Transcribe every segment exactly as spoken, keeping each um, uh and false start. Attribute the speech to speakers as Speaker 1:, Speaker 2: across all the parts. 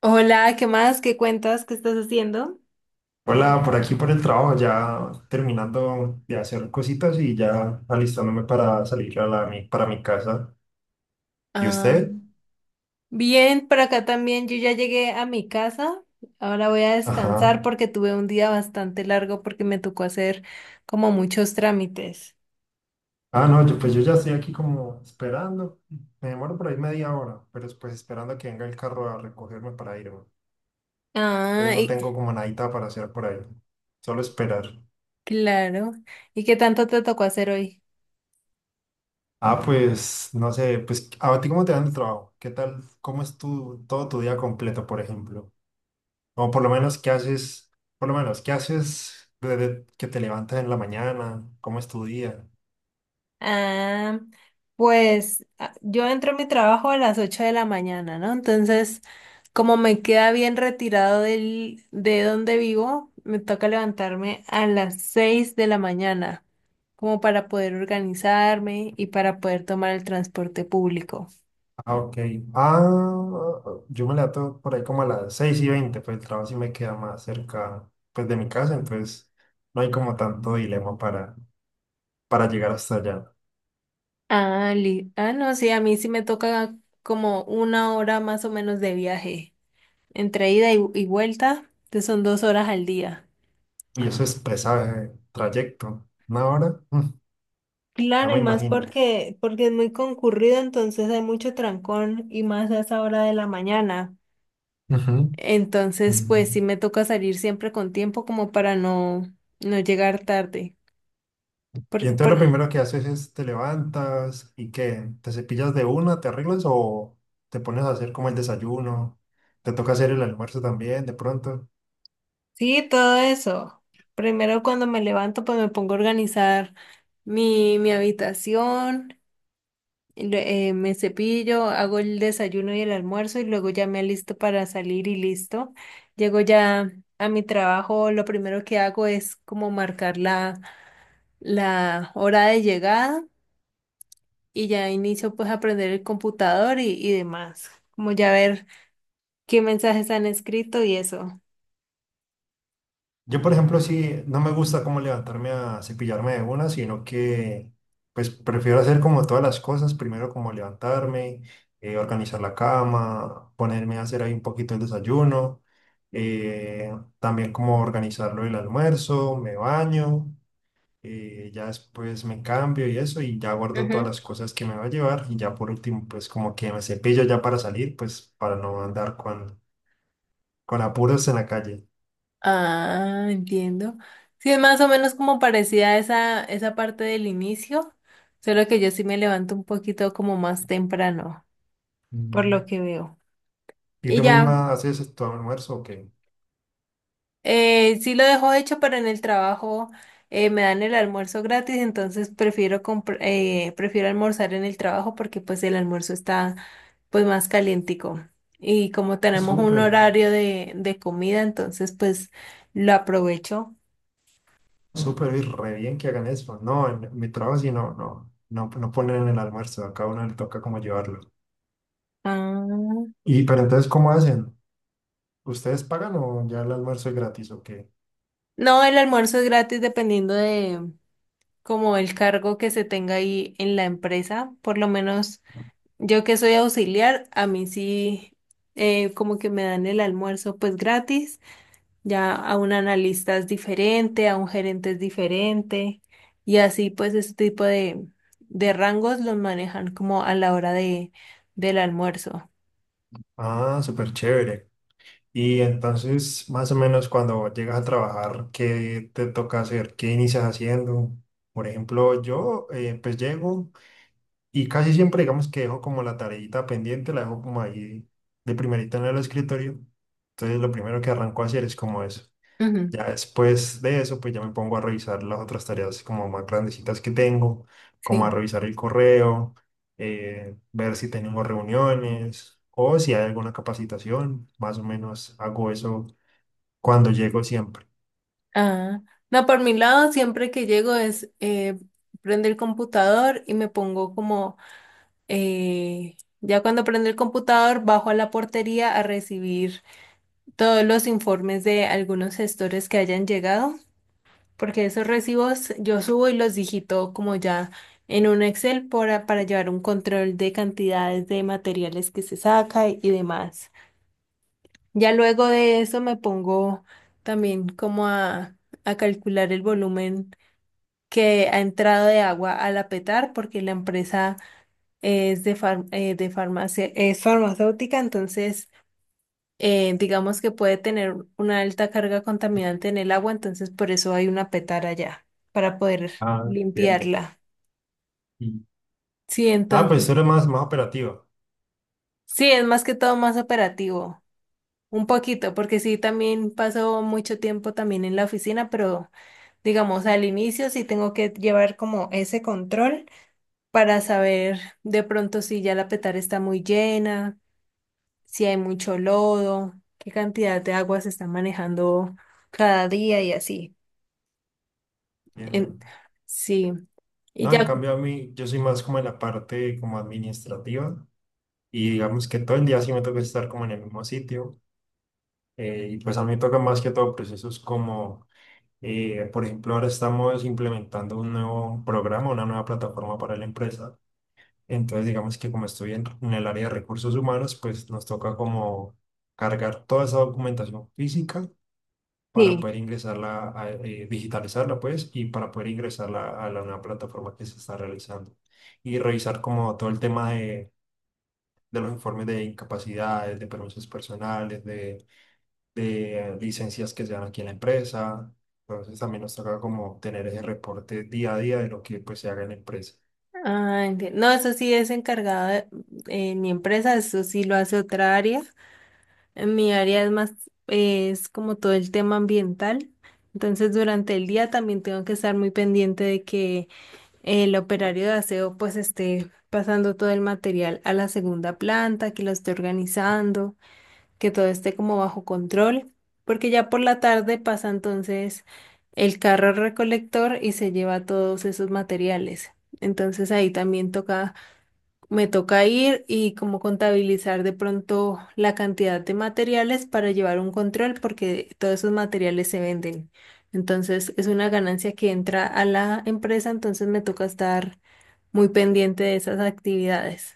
Speaker 1: Hola, ¿qué más? ¿Qué cuentas? ¿Qué estás haciendo?
Speaker 2: Hola, por aquí por el trabajo, ya terminando de hacer cositas y ya alistándome para salir a la, mi- para mi casa. ¿Y
Speaker 1: Ah,
Speaker 2: usted?
Speaker 1: bien, por acá también. Yo ya llegué a mi casa. Ahora voy a
Speaker 2: Ajá.
Speaker 1: descansar porque tuve un día bastante largo porque me tocó hacer como muchos trámites.
Speaker 2: Ah, no, yo, pues yo ya estoy aquí como esperando. Me demoro por ahí media hora, pero es, pues esperando a que venga el carro a recogerme para irme.
Speaker 1: Ah,
Speaker 2: Entonces no
Speaker 1: y-
Speaker 2: tengo como nadita para hacer por ahí, solo esperar.
Speaker 1: claro. ¿Y qué tanto te tocó hacer hoy?
Speaker 2: Ah, pues no sé, pues a ti cómo te dan el trabajo, ¿qué tal? ¿Cómo es tu, todo tu día completo, por ejemplo? O por lo menos, ¿qué haces? Por lo menos, ¿qué haces desde que te levantas en la mañana? ¿Cómo es tu día?
Speaker 1: Ah, pues ah, yo entro a mi trabajo a las ocho de la mañana, ¿no? Entonces, como me queda bien retirado del, de donde vivo, me toca levantarme a las seis de la mañana, como para poder organizarme y para poder tomar el transporte público.
Speaker 2: Ah, ok. Ah, yo me levanto por ahí como a las seis y veinte, pues el trabajo sí me queda más cerca, pues, de mi casa, entonces no hay como tanto dilema para, para llegar hasta allá.
Speaker 1: Ah, li- ah, no, sí, a mí sí me toca como una hora más o menos de viaje, entre ida y, y vuelta, que son dos horas al día.
Speaker 2: Y eso es pesado, eh, trayecto. Una hora. Mm, no
Speaker 1: Claro,
Speaker 2: me
Speaker 1: y más
Speaker 2: imagino.
Speaker 1: porque, porque es muy concurrido, entonces hay mucho trancón y más a esa hora de la mañana.
Speaker 2: Ujú.
Speaker 1: Entonces, pues
Speaker 2: Mm.
Speaker 1: sí me toca salir siempre con tiempo como para no, no llegar tarde.
Speaker 2: Y
Speaker 1: Porque,
Speaker 2: entonces lo
Speaker 1: por-
Speaker 2: primero que haces es te levantas y qué, ¿te cepillas de una, te arreglas o te pones a hacer como el desayuno? Te toca hacer el almuerzo también, de pronto.
Speaker 1: sí, todo eso. Primero cuando me levanto, pues me pongo a organizar mi, mi habitación. Re- eh, me cepillo, hago el desayuno y el almuerzo y luego ya me alisto para salir y listo. Llego ya a mi trabajo, lo primero que hago es como marcar la, la hora de llegada y ya inicio pues a aprender el computador y, y demás, como ya ver qué mensajes han escrito y eso.
Speaker 2: Yo, por ejemplo, sí, no me gusta como levantarme a cepillarme de una, sino que pues prefiero hacer como todas las cosas, primero como levantarme, eh, organizar la cama, ponerme a hacer ahí un poquito el desayuno, eh, también como organizarlo el almuerzo, me baño. eh, ya después me cambio y eso, y ya guardo todas las
Speaker 1: Ujú.
Speaker 2: cosas que me va a llevar, y ya por último, pues como que me cepillo ya para salir, pues para no andar con, con, apuros en la calle.
Speaker 1: Ah, entiendo. Sí, es más o menos como parecida a esa, esa parte del inicio, solo que yo sí me levanto un poquito como más temprano. Por
Speaker 2: Mm.
Speaker 1: lo que veo.
Speaker 2: ¿Y
Speaker 1: Y
Speaker 2: tú
Speaker 1: ya,
Speaker 2: misma haces tu almuerzo o qué?
Speaker 1: eh, sí lo dejo hecho, pero en el trabajo eh, me dan el almuerzo gratis, entonces prefiero compr- eh, prefiero almorzar en el trabajo porque pues el almuerzo está pues más calientico. Y como tenemos un
Speaker 2: Súper,
Speaker 1: horario de, de comida, entonces pues lo aprovecho.
Speaker 2: súper, y re bien que hagan eso. No, en mi trabajo sí no, no, no, no ponen el almuerzo, a cada uno le toca como llevarlo.
Speaker 1: Ah,
Speaker 2: Y pero entonces, ¿cómo hacen? ¿Ustedes pagan o ya el almuerzo es gratis o qué?
Speaker 1: no, el almuerzo es gratis dependiendo de como el cargo que se tenga ahí en la empresa. Por lo menos yo que soy auxiliar, a mí sí eh, como que me dan el almuerzo pues gratis, ya a un analista es diferente, a un gerente es diferente y así pues ese tipo de, de rangos los manejan como a la hora de, del almuerzo.
Speaker 2: Ah, súper chévere. Y entonces, más o menos cuando llegas a trabajar, ¿qué te toca hacer? ¿Qué inicias haciendo? Por ejemplo, yo eh, pues llego y casi siempre digamos que dejo como la tareita pendiente, la dejo como ahí de primerita en el escritorio. Entonces lo primero que arranco a hacer es como eso.
Speaker 1: Ujú,
Speaker 2: Ya después de eso, pues ya me pongo a revisar las otras tareas, como más grandecitas, que tengo, como a
Speaker 1: sí.
Speaker 2: revisar el correo, eh, ver si tenemos reuniones o si hay alguna capacitación. Más o menos hago eso cuando llego siempre.
Speaker 1: Ah, no, por mi lado siempre que llego es eh, prendo el computador y me pongo como eh, ya cuando prendo el computador bajo a la portería a recibir todos los informes de algunos gestores que hayan llegado, porque esos recibos yo subo y los digito como ya en un Excel para, para llevar un control de cantidades de materiales que se saca y, y demás. Ya luego de eso me pongo también como a, a calcular el volumen que ha entrado de agua al apetar, porque la empresa es de, far- eh, de farmacia, es farmacéutica, entonces eh, digamos que puede tener una alta carga contaminante en el agua, entonces por eso hay una petara allá, para poder
Speaker 2: Ah, entiendo.
Speaker 1: limpiarla.
Speaker 2: Y-
Speaker 1: Sí,
Speaker 2: Ah, pues
Speaker 1: entonces,
Speaker 2: tú eres más, más operativa.
Speaker 1: sí, es más que todo más operativo, un poquito, porque sí, también paso mucho tiempo también en la oficina, pero digamos al inicio sí tengo que llevar como ese control para saber de pronto si ya la petara está muy llena, si hay mucho lodo, qué cantidad de agua se está manejando cada día y así.
Speaker 2: Entiendo.
Speaker 1: En- sí. Y
Speaker 2: No, en
Speaker 1: ya,
Speaker 2: cambio a mí, yo soy más como en la parte como administrativa y digamos que todo el día sí me toca estar como en el mismo sitio. eh, y pues a mí me toca más que todo procesos como, eh, por ejemplo, ahora estamos implementando un nuevo programa, una nueva plataforma para la empresa. Entonces, digamos que como estoy en, en el área de recursos humanos, pues nos toca como cargar toda esa documentación física para
Speaker 1: sí.
Speaker 2: poder ingresarla, a- eh, digitalizarla, pues, y para poder ingresarla a la nueva plataforma que se está realizando. Y revisar como todo el tema de, de los informes de incapacidades, de permisos personales, de, de eh, licencias que se dan aquí en la empresa. Entonces también nos toca como tener ese reporte día a día de lo que pues se haga en la empresa.
Speaker 1: Ah, enti- no, eso sí es encargado de en mi empresa, eso sí lo hace otra área. En mi área es más, eh, es como todo el tema ambiental. Entonces, durante el día también tengo que estar muy pendiente de que el operario de aseo pues esté pasando todo el material a la segunda planta, que lo esté organizando. Que todo esté como bajo control, porque ya por la tarde pasa entonces el carro recolector y se lleva todos esos materiales. Entonces ahí también toca, me toca ir y como contabilizar de pronto la cantidad de materiales para llevar un control porque todos esos materiales se venden. Entonces es una ganancia que entra a la empresa, entonces me toca estar muy pendiente de esas actividades.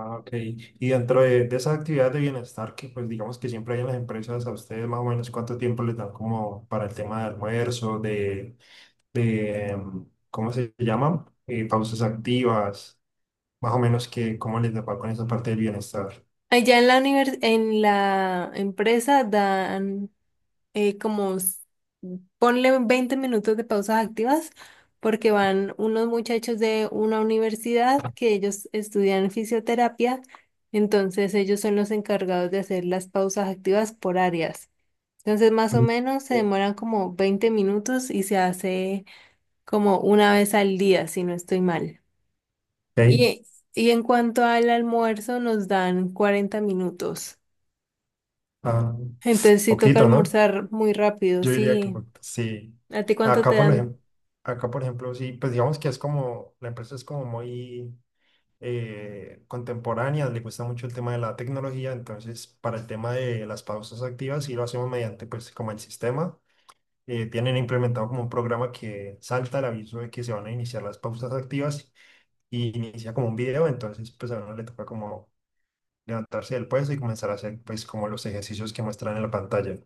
Speaker 2: Ah, ok. Y dentro de, de esas actividades de bienestar que, pues digamos que siempre hay en las empresas, a ustedes más o menos ¿cuánto tiempo les dan como para el tema de almuerzo, de de, ¿cómo se llaman? Eh, pausas activas? Más o menos, que ¿cómo les va con esa parte del bienestar?
Speaker 1: Allá en la univers- En la empresa dan eh, como s- ponle veinte minutos de pausas activas porque van unos muchachos de una universidad que ellos estudian fisioterapia, entonces ellos son los encargados de hacer las pausas activas por áreas. Entonces más o
Speaker 2: Mm.
Speaker 1: menos se demoran como veinte minutos y se hace como una vez al día, si no estoy mal.
Speaker 2: Ok,
Speaker 1: Y, y en cuanto al almuerzo nos dan cuarenta minutos.
Speaker 2: ah,
Speaker 1: Entonces sí toca
Speaker 2: poquito, ¿no?
Speaker 1: almorzar muy rápido,
Speaker 2: Yo diría que
Speaker 1: sí.
Speaker 2: po- sí.
Speaker 1: ¿A ti cuánto
Speaker 2: Acá,
Speaker 1: te
Speaker 2: por
Speaker 1: dan?
Speaker 2: ejemplo, acá, por ejemplo, sí, pues digamos que es como, la empresa es como muy eh, contemporánea, le cuesta mucho el tema de la tecnología, entonces para el tema de las pausas activas sí lo hacemos mediante, pues, como el sistema. eh, tienen implementado como un programa que salta el aviso de que se van a iniciar las pausas activas, y inicia como un video, entonces pues a uno le toca como levantarse del puesto y comenzar a hacer, pues, como los ejercicios que muestran en la pantalla.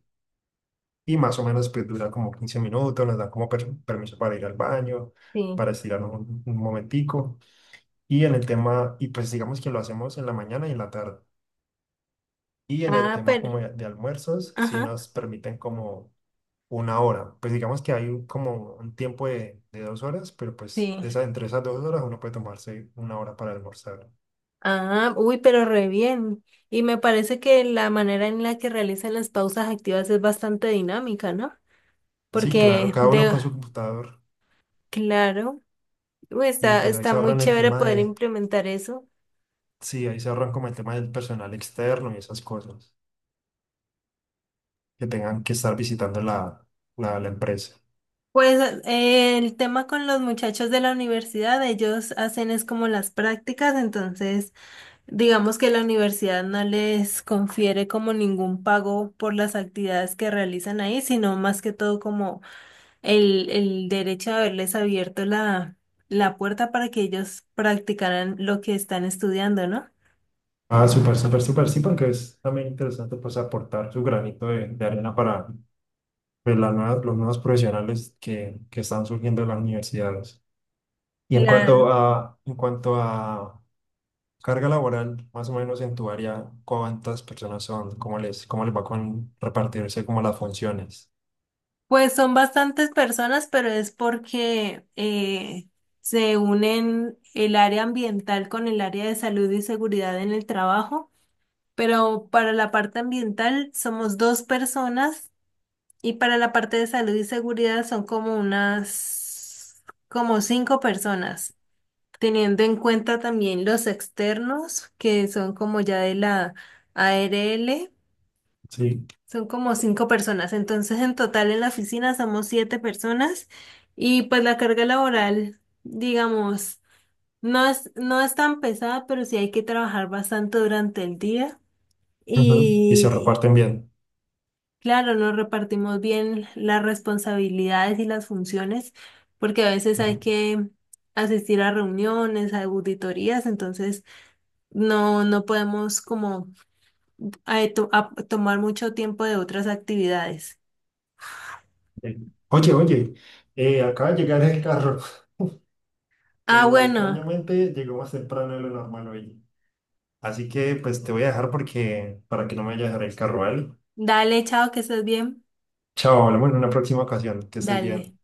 Speaker 2: Y más o menos pues dura como quince minutos, nos dan como per- permiso para ir al baño,
Speaker 1: Sí.
Speaker 2: para estirar un, un, momentico. Y en el tema, y pues digamos que lo hacemos en la mañana y en la tarde. Y en el
Speaker 1: Ah,
Speaker 2: tema
Speaker 1: pero,
Speaker 2: como de, de almuerzos, sí
Speaker 1: ajá,
Speaker 2: nos permiten como una hora. Pues digamos que hay un- como un tiempo de, de dos horas, pero pues
Speaker 1: sí.
Speaker 2: esa, entre esas dos horas uno puede tomarse una hora para almorzar.
Speaker 1: Ah, uy, pero re bien. Y me parece que la manera en la que realizan las pausas activas es bastante dinámica, ¿no?
Speaker 2: Sí, claro,
Speaker 1: Porque
Speaker 2: cada uno
Speaker 1: de,
Speaker 2: con su computador,
Speaker 1: claro, uy,
Speaker 2: y
Speaker 1: está,
Speaker 2: pues ahí
Speaker 1: está
Speaker 2: se
Speaker 1: muy
Speaker 2: ahorran el
Speaker 1: chévere
Speaker 2: tema
Speaker 1: poder
Speaker 2: de,
Speaker 1: implementar eso.
Speaker 2: sí, ahí se ahorran como el tema del personal externo y esas cosas que tengan que estar visitando la, la, la, empresa.
Speaker 1: Pues eh, el tema con los muchachos de la universidad, ellos hacen es como las prácticas, entonces digamos que la universidad no les confiere como ningún pago por las actividades que realizan ahí, sino más que todo como el, el derecho de haberles abierto la, la puerta para que ellos practicaran lo que están estudiando, ¿no?
Speaker 2: Ah, súper, súper, súper, sí, porque es también interesante pues aportar su granito de, de arena para, pues, las nuevas- los nuevos profesionales que, que están surgiendo en las universidades. Y en cuanto
Speaker 1: Claro.
Speaker 2: a, en cuanto a carga laboral, más o menos en tu área, ¿cuántas personas son? ¿Cómo les, cómo les va con repartirse como las funciones?
Speaker 1: Pues son bastantes personas, pero es porque eh, se unen el área ambiental con el área de salud y seguridad en el trabajo, pero para la parte ambiental somos dos personas y para la parte de salud y seguridad son como unas, como cinco personas. Teniendo en cuenta también los externos, que son como ya de la A R L,
Speaker 2: Sí.
Speaker 1: son como cinco personas. Entonces, en total en la oficina somos siete personas y pues la carga laboral, digamos, no es, no es tan pesada, pero sí hay que trabajar bastante durante el día.
Speaker 2: Ujú. Y se
Speaker 1: Y
Speaker 2: reparten bien.
Speaker 1: claro, nos repartimos bien las responsabilidades y las funciones, porque a veces hay que asistir a reuniones, a auditorías, entonces no, no podemos como eh, to- a- tomar mucho tiempo de otras actividades.
Speaker 2: Sí. Oye, oye, eh, acaba de llegar el carro.
Speaker 1: Ah,
Speaker 2: Eh,
Speaker 1: bueno,
Speaker 2: extrañamente llegó más temprano de lo normal hoy. Así que pues te voy a dejar, porque para que no me vaya a dejar el carro, ¿vale?
Speaker 1: dale, chao, que estés bien.
Speaker 2: Chao, hablamos en una próxima ocasión. Que estés
Speaker 1: Dale.
Speaker 2: bien.